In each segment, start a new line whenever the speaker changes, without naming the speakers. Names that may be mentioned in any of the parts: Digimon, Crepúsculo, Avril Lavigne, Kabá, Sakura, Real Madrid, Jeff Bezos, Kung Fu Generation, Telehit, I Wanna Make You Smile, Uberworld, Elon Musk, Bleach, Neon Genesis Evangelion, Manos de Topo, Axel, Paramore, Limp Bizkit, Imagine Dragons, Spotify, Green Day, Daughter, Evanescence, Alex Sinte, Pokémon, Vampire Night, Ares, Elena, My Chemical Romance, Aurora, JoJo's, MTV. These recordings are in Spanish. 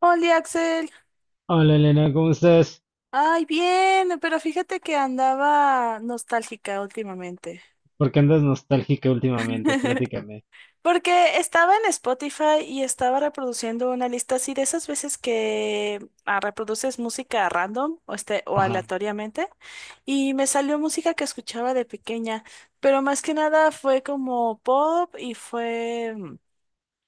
Hola Axel,
Hola Elena, ¿cómo estás?
ay bien, pero fíjate que andaba nostálgica últimamente.
¿Por qué andas nostálgica últimamente? Platícame.
Porque estaba en Spotify y estaba reproduciendo una lista así de esas veces que reproduces música random o, o
Ajá.
aleatoriamente y me salió música que escuchaba de pequeña, pero más que nada fue como pop y fue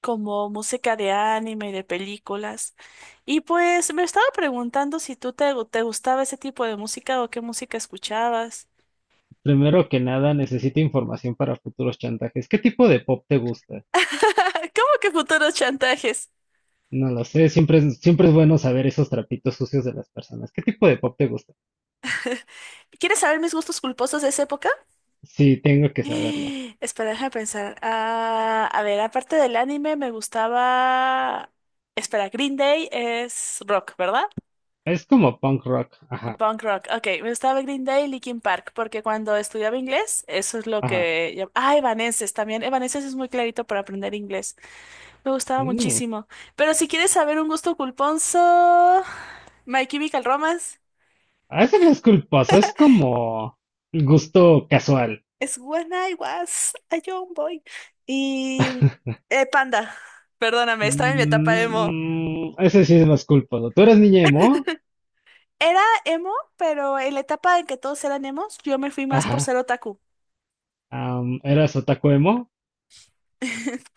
como música de anime y de películas. Y pues me estaba preguntando si tú te gustaba ese tipo de música o qué música escuchabas.
Primero que nada, necesito información para futuros chantajes. ¿Qué tipo de pop te gusta?
¿Cómo que futuros chantajes?
No lo sé, siempre es bueno saber esos trapitos sucios de las personas. ¿Qué tipo de pop te gusta?
¿Quieres saber mis gustos culposos de esa época?
Sí, tengo que saberlos.
Espera, déjame pensar. Ah, a ver, aparte del anime me gustaba... Espera, Green Day es rock, ¿verdad?
Es como punk rock. Ajá,
Punk rock, ok, me gustaba Green Day y Linkin Park, porque cuando estudiaba inglés, eso es lo
ajá.
que... Ah, Evanescence también, Evanescence es muy clarito para aprender inglés, me gustaba
Mm.
muchísimo. Pero si quieres saber un gusto culponzo, My Chemical Romance
Ah, eso no es culposo, es como gusto casual.
es When I Was a Young Boy y Panda, perdóname, estaba en mi etapa emo.
Mm, ese sí es más culposo. ¿Tú eras niña emo?
Era emo, pero en la etapa en que todos eran emos, yo me fui más por
Ajá.
ser otaku.
¿Eras otaku emo?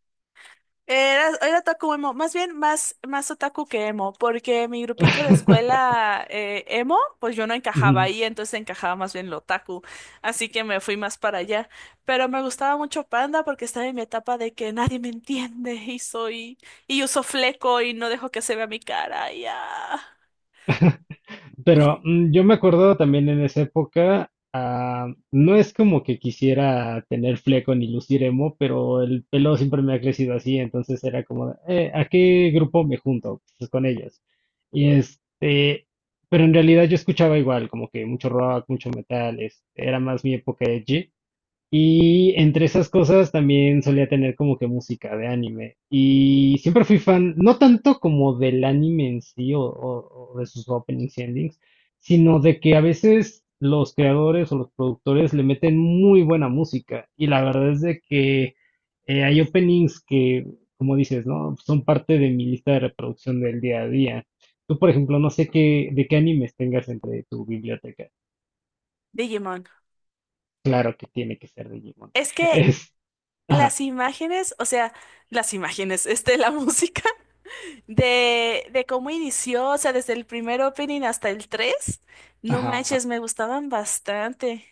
Era otaku emo, más bien más otaku que emo, porque mi grupito de escuela emo, pues yo no encajaba
Ujú.
ahí, entonces encajaba más bien lo otaku, así que me fui más para allá. Pero me gustaba mucho Panda porque estaba en mi etapa de que nadie me entiende y soy, y uso fleco y no dejo que se vea mi cara,
Pero yo me acuerdo también en esa época, no es como que quisiera tener fleco ni lucir emo, pero el pelo siempre me ha crecido así, entonces era como, de, ¿A qué grupo me junto? Pues con ellos." Y este, pero en realidad yo escuchaba igual, como que mucho rock, mucho metal, era más mi época edgy. Y entre esas cosas también solía tener como que música de anime. Y siempre fui fan, no tanto como del anime en sí o de sus openings y endings, sino de que a veces los creadores o los productores le meten muy buena música. Y la verdad es de que hay openings que, como dices, ¿no? Son parte de mi lista de reproducción del día a día. Tú, por ejemplo, no sé de qué animes tengas entre tu biblioteca.
Digimon.
Claro que tiene que ser Digimon.
Es que
Es, ajá.
las imágenes, o sea, las imágenes, la música. De cómo inició, o sea, desde el primer opening hasta el 3 no
Ajá.
manches, me gustaban bastante.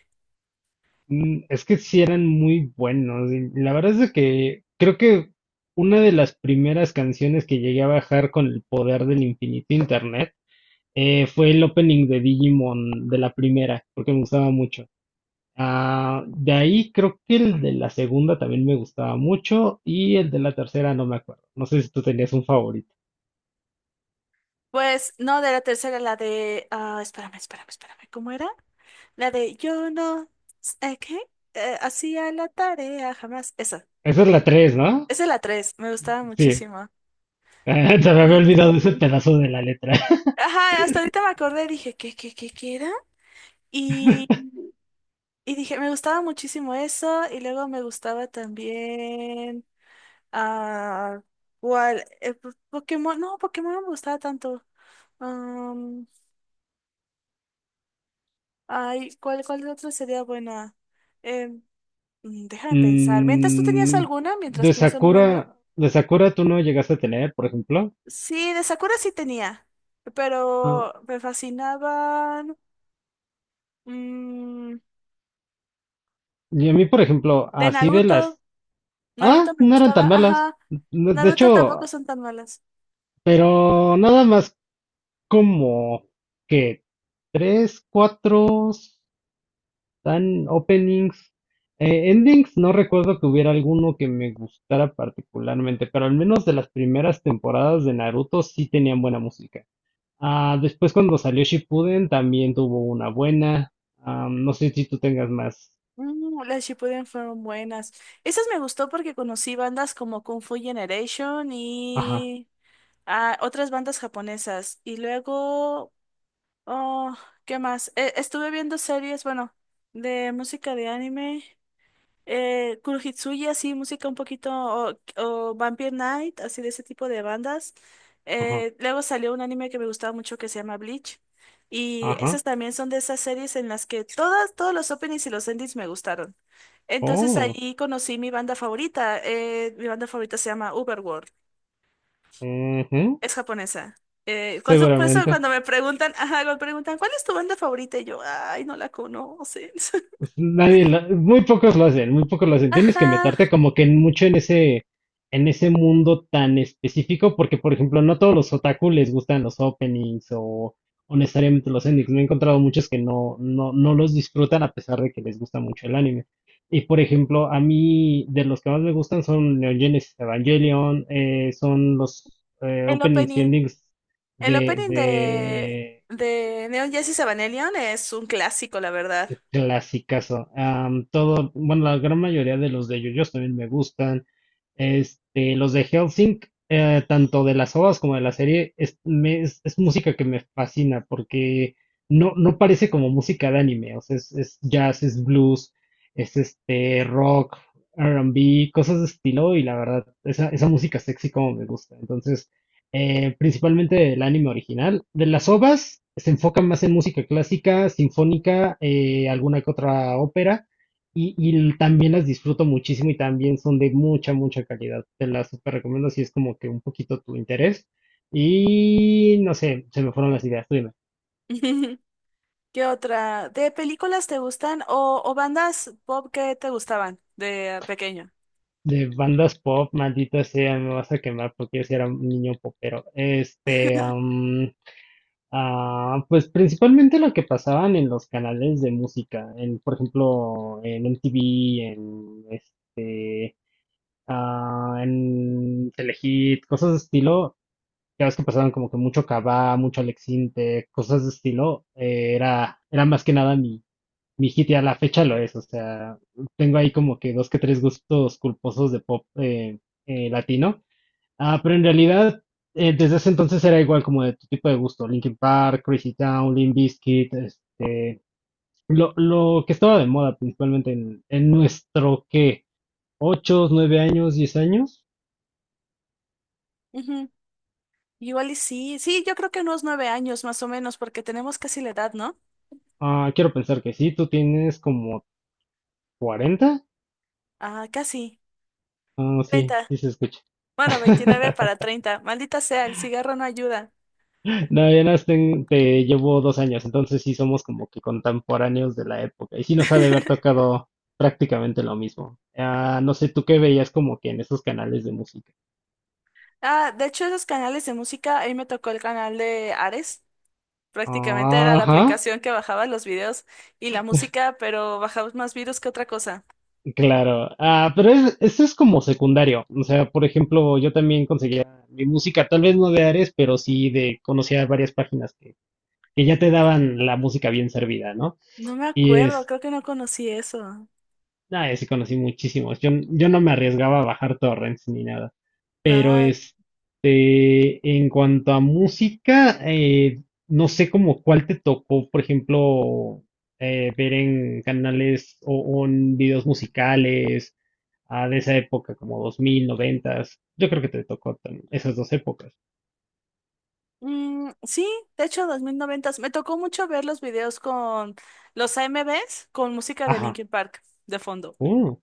Es que sí eran muy buenos. Y la verdad es de que creo que una de las primeras canciones que llegué a bajar con el poder del infinito internet fue el opening de Digimon de la primera, porque me gustaba mucho. Ah, de ahí creo que el de la segunda también me gustaba mucho y el de la tercera no me acuerdo. No sé si tú tenías un favorito.
Pues no, de la tercera, la de... Ah, espérame, ¿cómo era? La de yo no... ¿Qué? Hacía la tarea, jamás. Esa,
Esa es la tres, ¿no?
esa es la tres, me gustaba
Sí.
muchísimo.
Se me había olvidado ese
Y-
pedazo de la letra.
Ajá, hasta ahorita me acordé, dije, ¿qué era? Y, y dije, me gustaba muchísimo eso, y luego me gustaba también... Ah, ¿cuál? Pokémon no me gustaba tanto. Am, ay, ¿cuál otra sería buena? Em, déjame pensar. Mientras tú tenías
Mm,
alguna, mientras
de
pienso en una yo.
Sakura, de Sakura tú no llegaste a tener, por ejemplo.
Sí, de Sakura sí tenía, pero
Ah,
me fascinaban. mm,
y a mí, por ejemplo,
de
así de
Naruto,
las... Ah,
Naruto me
no eran
gustaba,
tan malas.
ajá.
No, de
Naruto tampoco
hecho,
son tan malas.
pero nada más como que tres, cuatro tan openings. Endings, no recuerdo que hubiera alguno que me gustara particularmente, pero al menos de las primeras temporadas de Naruto sí tenían buena música. Ah, después cuando salió Shippuden también tuvo una buena. Ah, no sé si tú tengas más.
Mm, las Shippuden fueron buenas. Esas me gustó porque conocí bandas como Kung Fu Generation
Ajá,
y ah, otras bandas japonesas. Y luego, oh, ¿qué más? Estuve viendo series, bueno, de música de anime. Kurohitsuya, así, música un poquito, o Vampire Night, así de ese tipo de bandas.
ajá,
Luego salió un anime que me gustaba mucho que se llama Bleach. Y
ajá.
esas también son de esas series en las que todas, todos los openings y los endings me gustaron. Entonces
Oh,
ahí conocí mi banda favorita. Mi banda favorita se llama Uberworld.
ujú,
Es japonesa. Por eso
seguramente.
cuando me preguntan, ajá, me preguntan, ¿cuál es tu banda favorita? Y yo, ay, no la conocen.
Pues nadie, muy pocos lo hacen, muy pocos lo hacen. Tienes que
Ajá,
meterte como que mucho en ese, mundo tan específico, porque por ejemplo, no todos los otaku les gustan los openings o necesariamente los endings. Me he encontrado muchos que no los disfrutan a pesar de que les gusta mucho el anime. Y por ejemplo, a mí de los que más me gustan son Neon Genesis Evangelion, son los
el
openings y
opening.
endings
El
de,
opening de,
de
de Neon Genesis Evangelion es un clásico, la verdad.
Clasicazo. Todo, bueno, la gran mayoría de los de JoJo's también me gustan. Los de Hellsing, tanto de las ovas como de la serie, es música que me fascina porque no, no parece como música de anime. O sea, es jazz, es blues, es rock, R&B, cosas de estilo y la verdad, esa música sexy como me gusta. Entonces, principalmente del anime original. De las ovas se enfocan más en música clásica, sinfónica, alguna que otra ópera, y también las disfruto muchísimo y también son de mucha, mucha calidad. Te las super recomiendo si es como que un poquito tu interés. Y no sé, se me fueron las ideas, tú dime.
¿Qué otra? ¿De películas te gustan o bandas pop que te gustaban de pequeño?
De bandas pop, maldita sea, me vas a quemar porque yo sí era un niño popero. Pues principalmente lo que pasaban en los canales de música, en, por ejemplo, en MTV, en Telehit, cosas de estilo, ya ves que pasaban como que mucho Kabá, mucho Alex Sinte, cosas de estilo, era más que nada mi hit y a la fecha lo es, o sea, tengo ahí como que dos que tres gustos culposos de pop latino. Ah, pero en realidad, desde ese entonces era igual como de tu tipo de gusto, Linkin Park, Crazy Town, Limp Bizkit, lo que estaba de moda principalmente en nuestro, ¿qué? ¿8, 9 años, 10 años?
Ujú. Igual y sí, sí, yo creo que unos 9 años más o menos, porque tenemos casi la edad, ¿no?
Ah, quiero pensar que sí, tú tienes como 40.
Ah, casi.
Ah, sí,
Treinta.
sí se escucha.
Bueno, 29 para 30. Maldita sea, el cigarro no ayuda.
No, ya no te llevo 2 años, entonces sí somos como que contemporáneos de la época y sí nos ha de haber tocado prácticamente lo mismo. Ah, no sé, ¿tú qué veías como que en esos canales de música?
Ah, de hecho, esos canales de música, ahí me tocó el canal de Ares. Prácticamente era la
Ajá,
aplicación que bajaba los videos y la música, pero bajaba más virus que otra cosa.
claro. Ah, pero eso es como secundario. O sea, por ejemplo, yo también conseguía mi música, tal vez no de Ares, pero sí de, conocía varias páginas que ya te daban la música bien servida, ¿no?
No me
Y
acuerdo, creo que no conocí eso.
sí conocí muchísimos. Yo no me arriesgaba a bajar torrents ni nada. Pero
Ah,
en cuanto a música, no sé como cuál te tocó, por ejemplo, ver en canales o en videos musicales de esa época, como 2000, 90. Yo creo que te tocó esas dos épocas.
sí, de hecho, 2000, 90, me tocó mucho ver los videos con los AMVs con música de
Ajá.
Linkin Park de fondo.
Uh.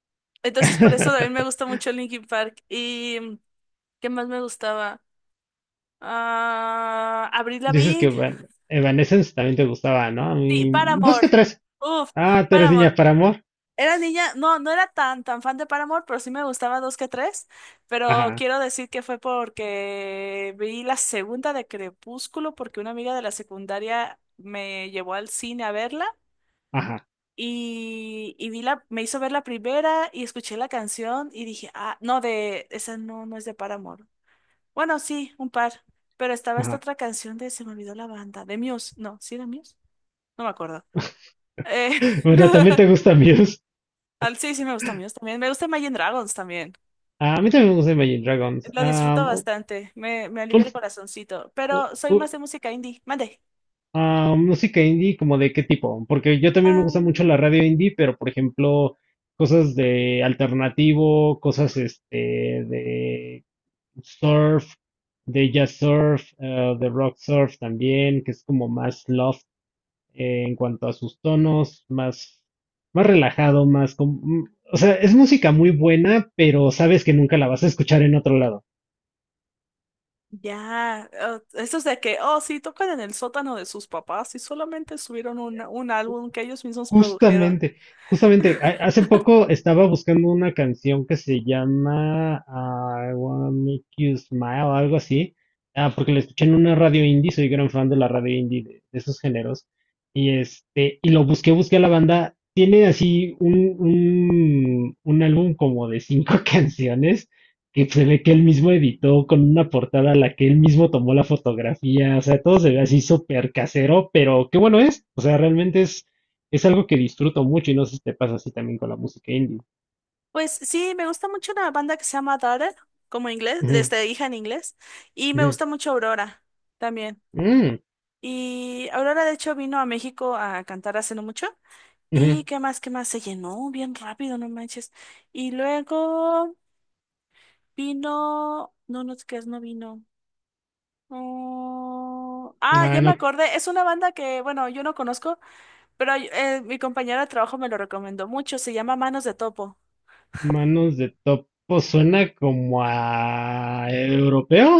Entonces, por eso también me gusta mucho Linkin Park. ¿Y qué más me gustaba? Ah, Avril
Dices que
Lavigne.
Evanescence también te gustaba, ¿no? A
Sí,
mí, dos que
Paramore.
tres.
Uf,
Ah, tú eres
Paramore.
niña para amor.
Era niña, no, no era tan fan de Paramore, pero sí me gustaba dos que tres. Pero
Ajá,
quiero decir que fue porque vi la segunda de Crepúsculo, porque una amiga de la secundaria me llevó al cine a verla.
ajá,
Y vi me hizo ver la primera y escuché la canción y dije, ah, no, esa no, no es de Paramore. Bueno, sí, un par. Pero estaba esta
ajá.
otra canción se me olvidó la banda, de Muse. No, sí era Muse. No me acuerdo. Eh,
Bueno, también te gusta mío.
sí, sí me gustan míos también. Me gusta Imagine Dragons también.
Ah, a mí también me gusta Imagine Dragons.
Lo disfruto
Am, u-
bastante. Me alivia el
ult-
corazoncito. Pero soy
u-
más de música indie. Mande.
ah, Música indie, ¿como de qué tipo? Porque yo también me
Ah,
gusta mucho la radio indie, pero por ejemplo, cosas de alternativo, cosas de surf, de jazz surf, de rock surf también, que es como más loft en cuanto a sus tonos, más, más relajado, más... o sea, es música muy buena, pero sabes que nunca la vas a escuchar en otro lado.
ya. Oh, eso es de que, oh, sí, tocan en el sótano de sus papás y solamente subieron un álbum que ellos mismos produjeron.
Justamente, justamente, hace poco estaba buscando una canción que se llama I Wanna Make You Smile algo así, porque la escuché en una radio indie, soy gran fan de la radio indie, de esos géneros, y lo busqué a la banda, tiene así un álbum como de cinco canciones, que se ve que él mismo editó con una portada a la que él mismo tomó la fotografía, o sea, todo se ve así súper casero, pero qué bueno es, o sea, realmente es algo que disfruto mucho y no sé si te pasa así también con la música indie.
Pues sí, me gusta mucho una banda que se llama Daughter, como inglés,
Ujú,
desde hija en inglés. Y me
ujú,
gusta mucho Aurora también.
mm,
Y Aurora, de hecho, vino a México a cantar hace no mucho. ¿Y
ujú.
qué más? Se llenó bien rápido, no manches. Y luego vino, no, no, ¿qué es? No vino. Oh, ah, ya
Ah,
me
no,
acordé. Es una banda que, bueno, yo no conozco, pero mi compañera de trabajo me lo recomendó mucho. Se llama Manos de Topo.
manos de topo suena como a europeo.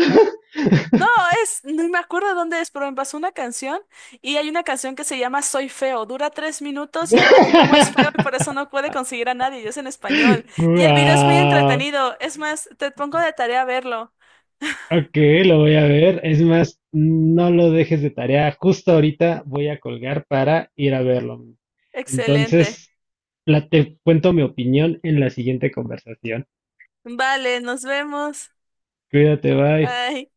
No, es, no me acuerdo dónde es, pero me pasó una canción y hay una canción que se llama Soy Feo. Dura 3 minutos y habla de cómo es feo y por eso no puede conseguir a nadie. Y es en español. Y el video es muy
Guau,
entretenido. Es más, te pongo de tarea verlo.
ok, lo voy a ver. Es más, no lo dejes de tarea. Justo ahorita voy a colgar para ir a verlo.
Excelente.
Entonces, te cuento mi opinión en la siguiente conversación.
Vale, nos vemos.
Cuídate, bye.
Bye.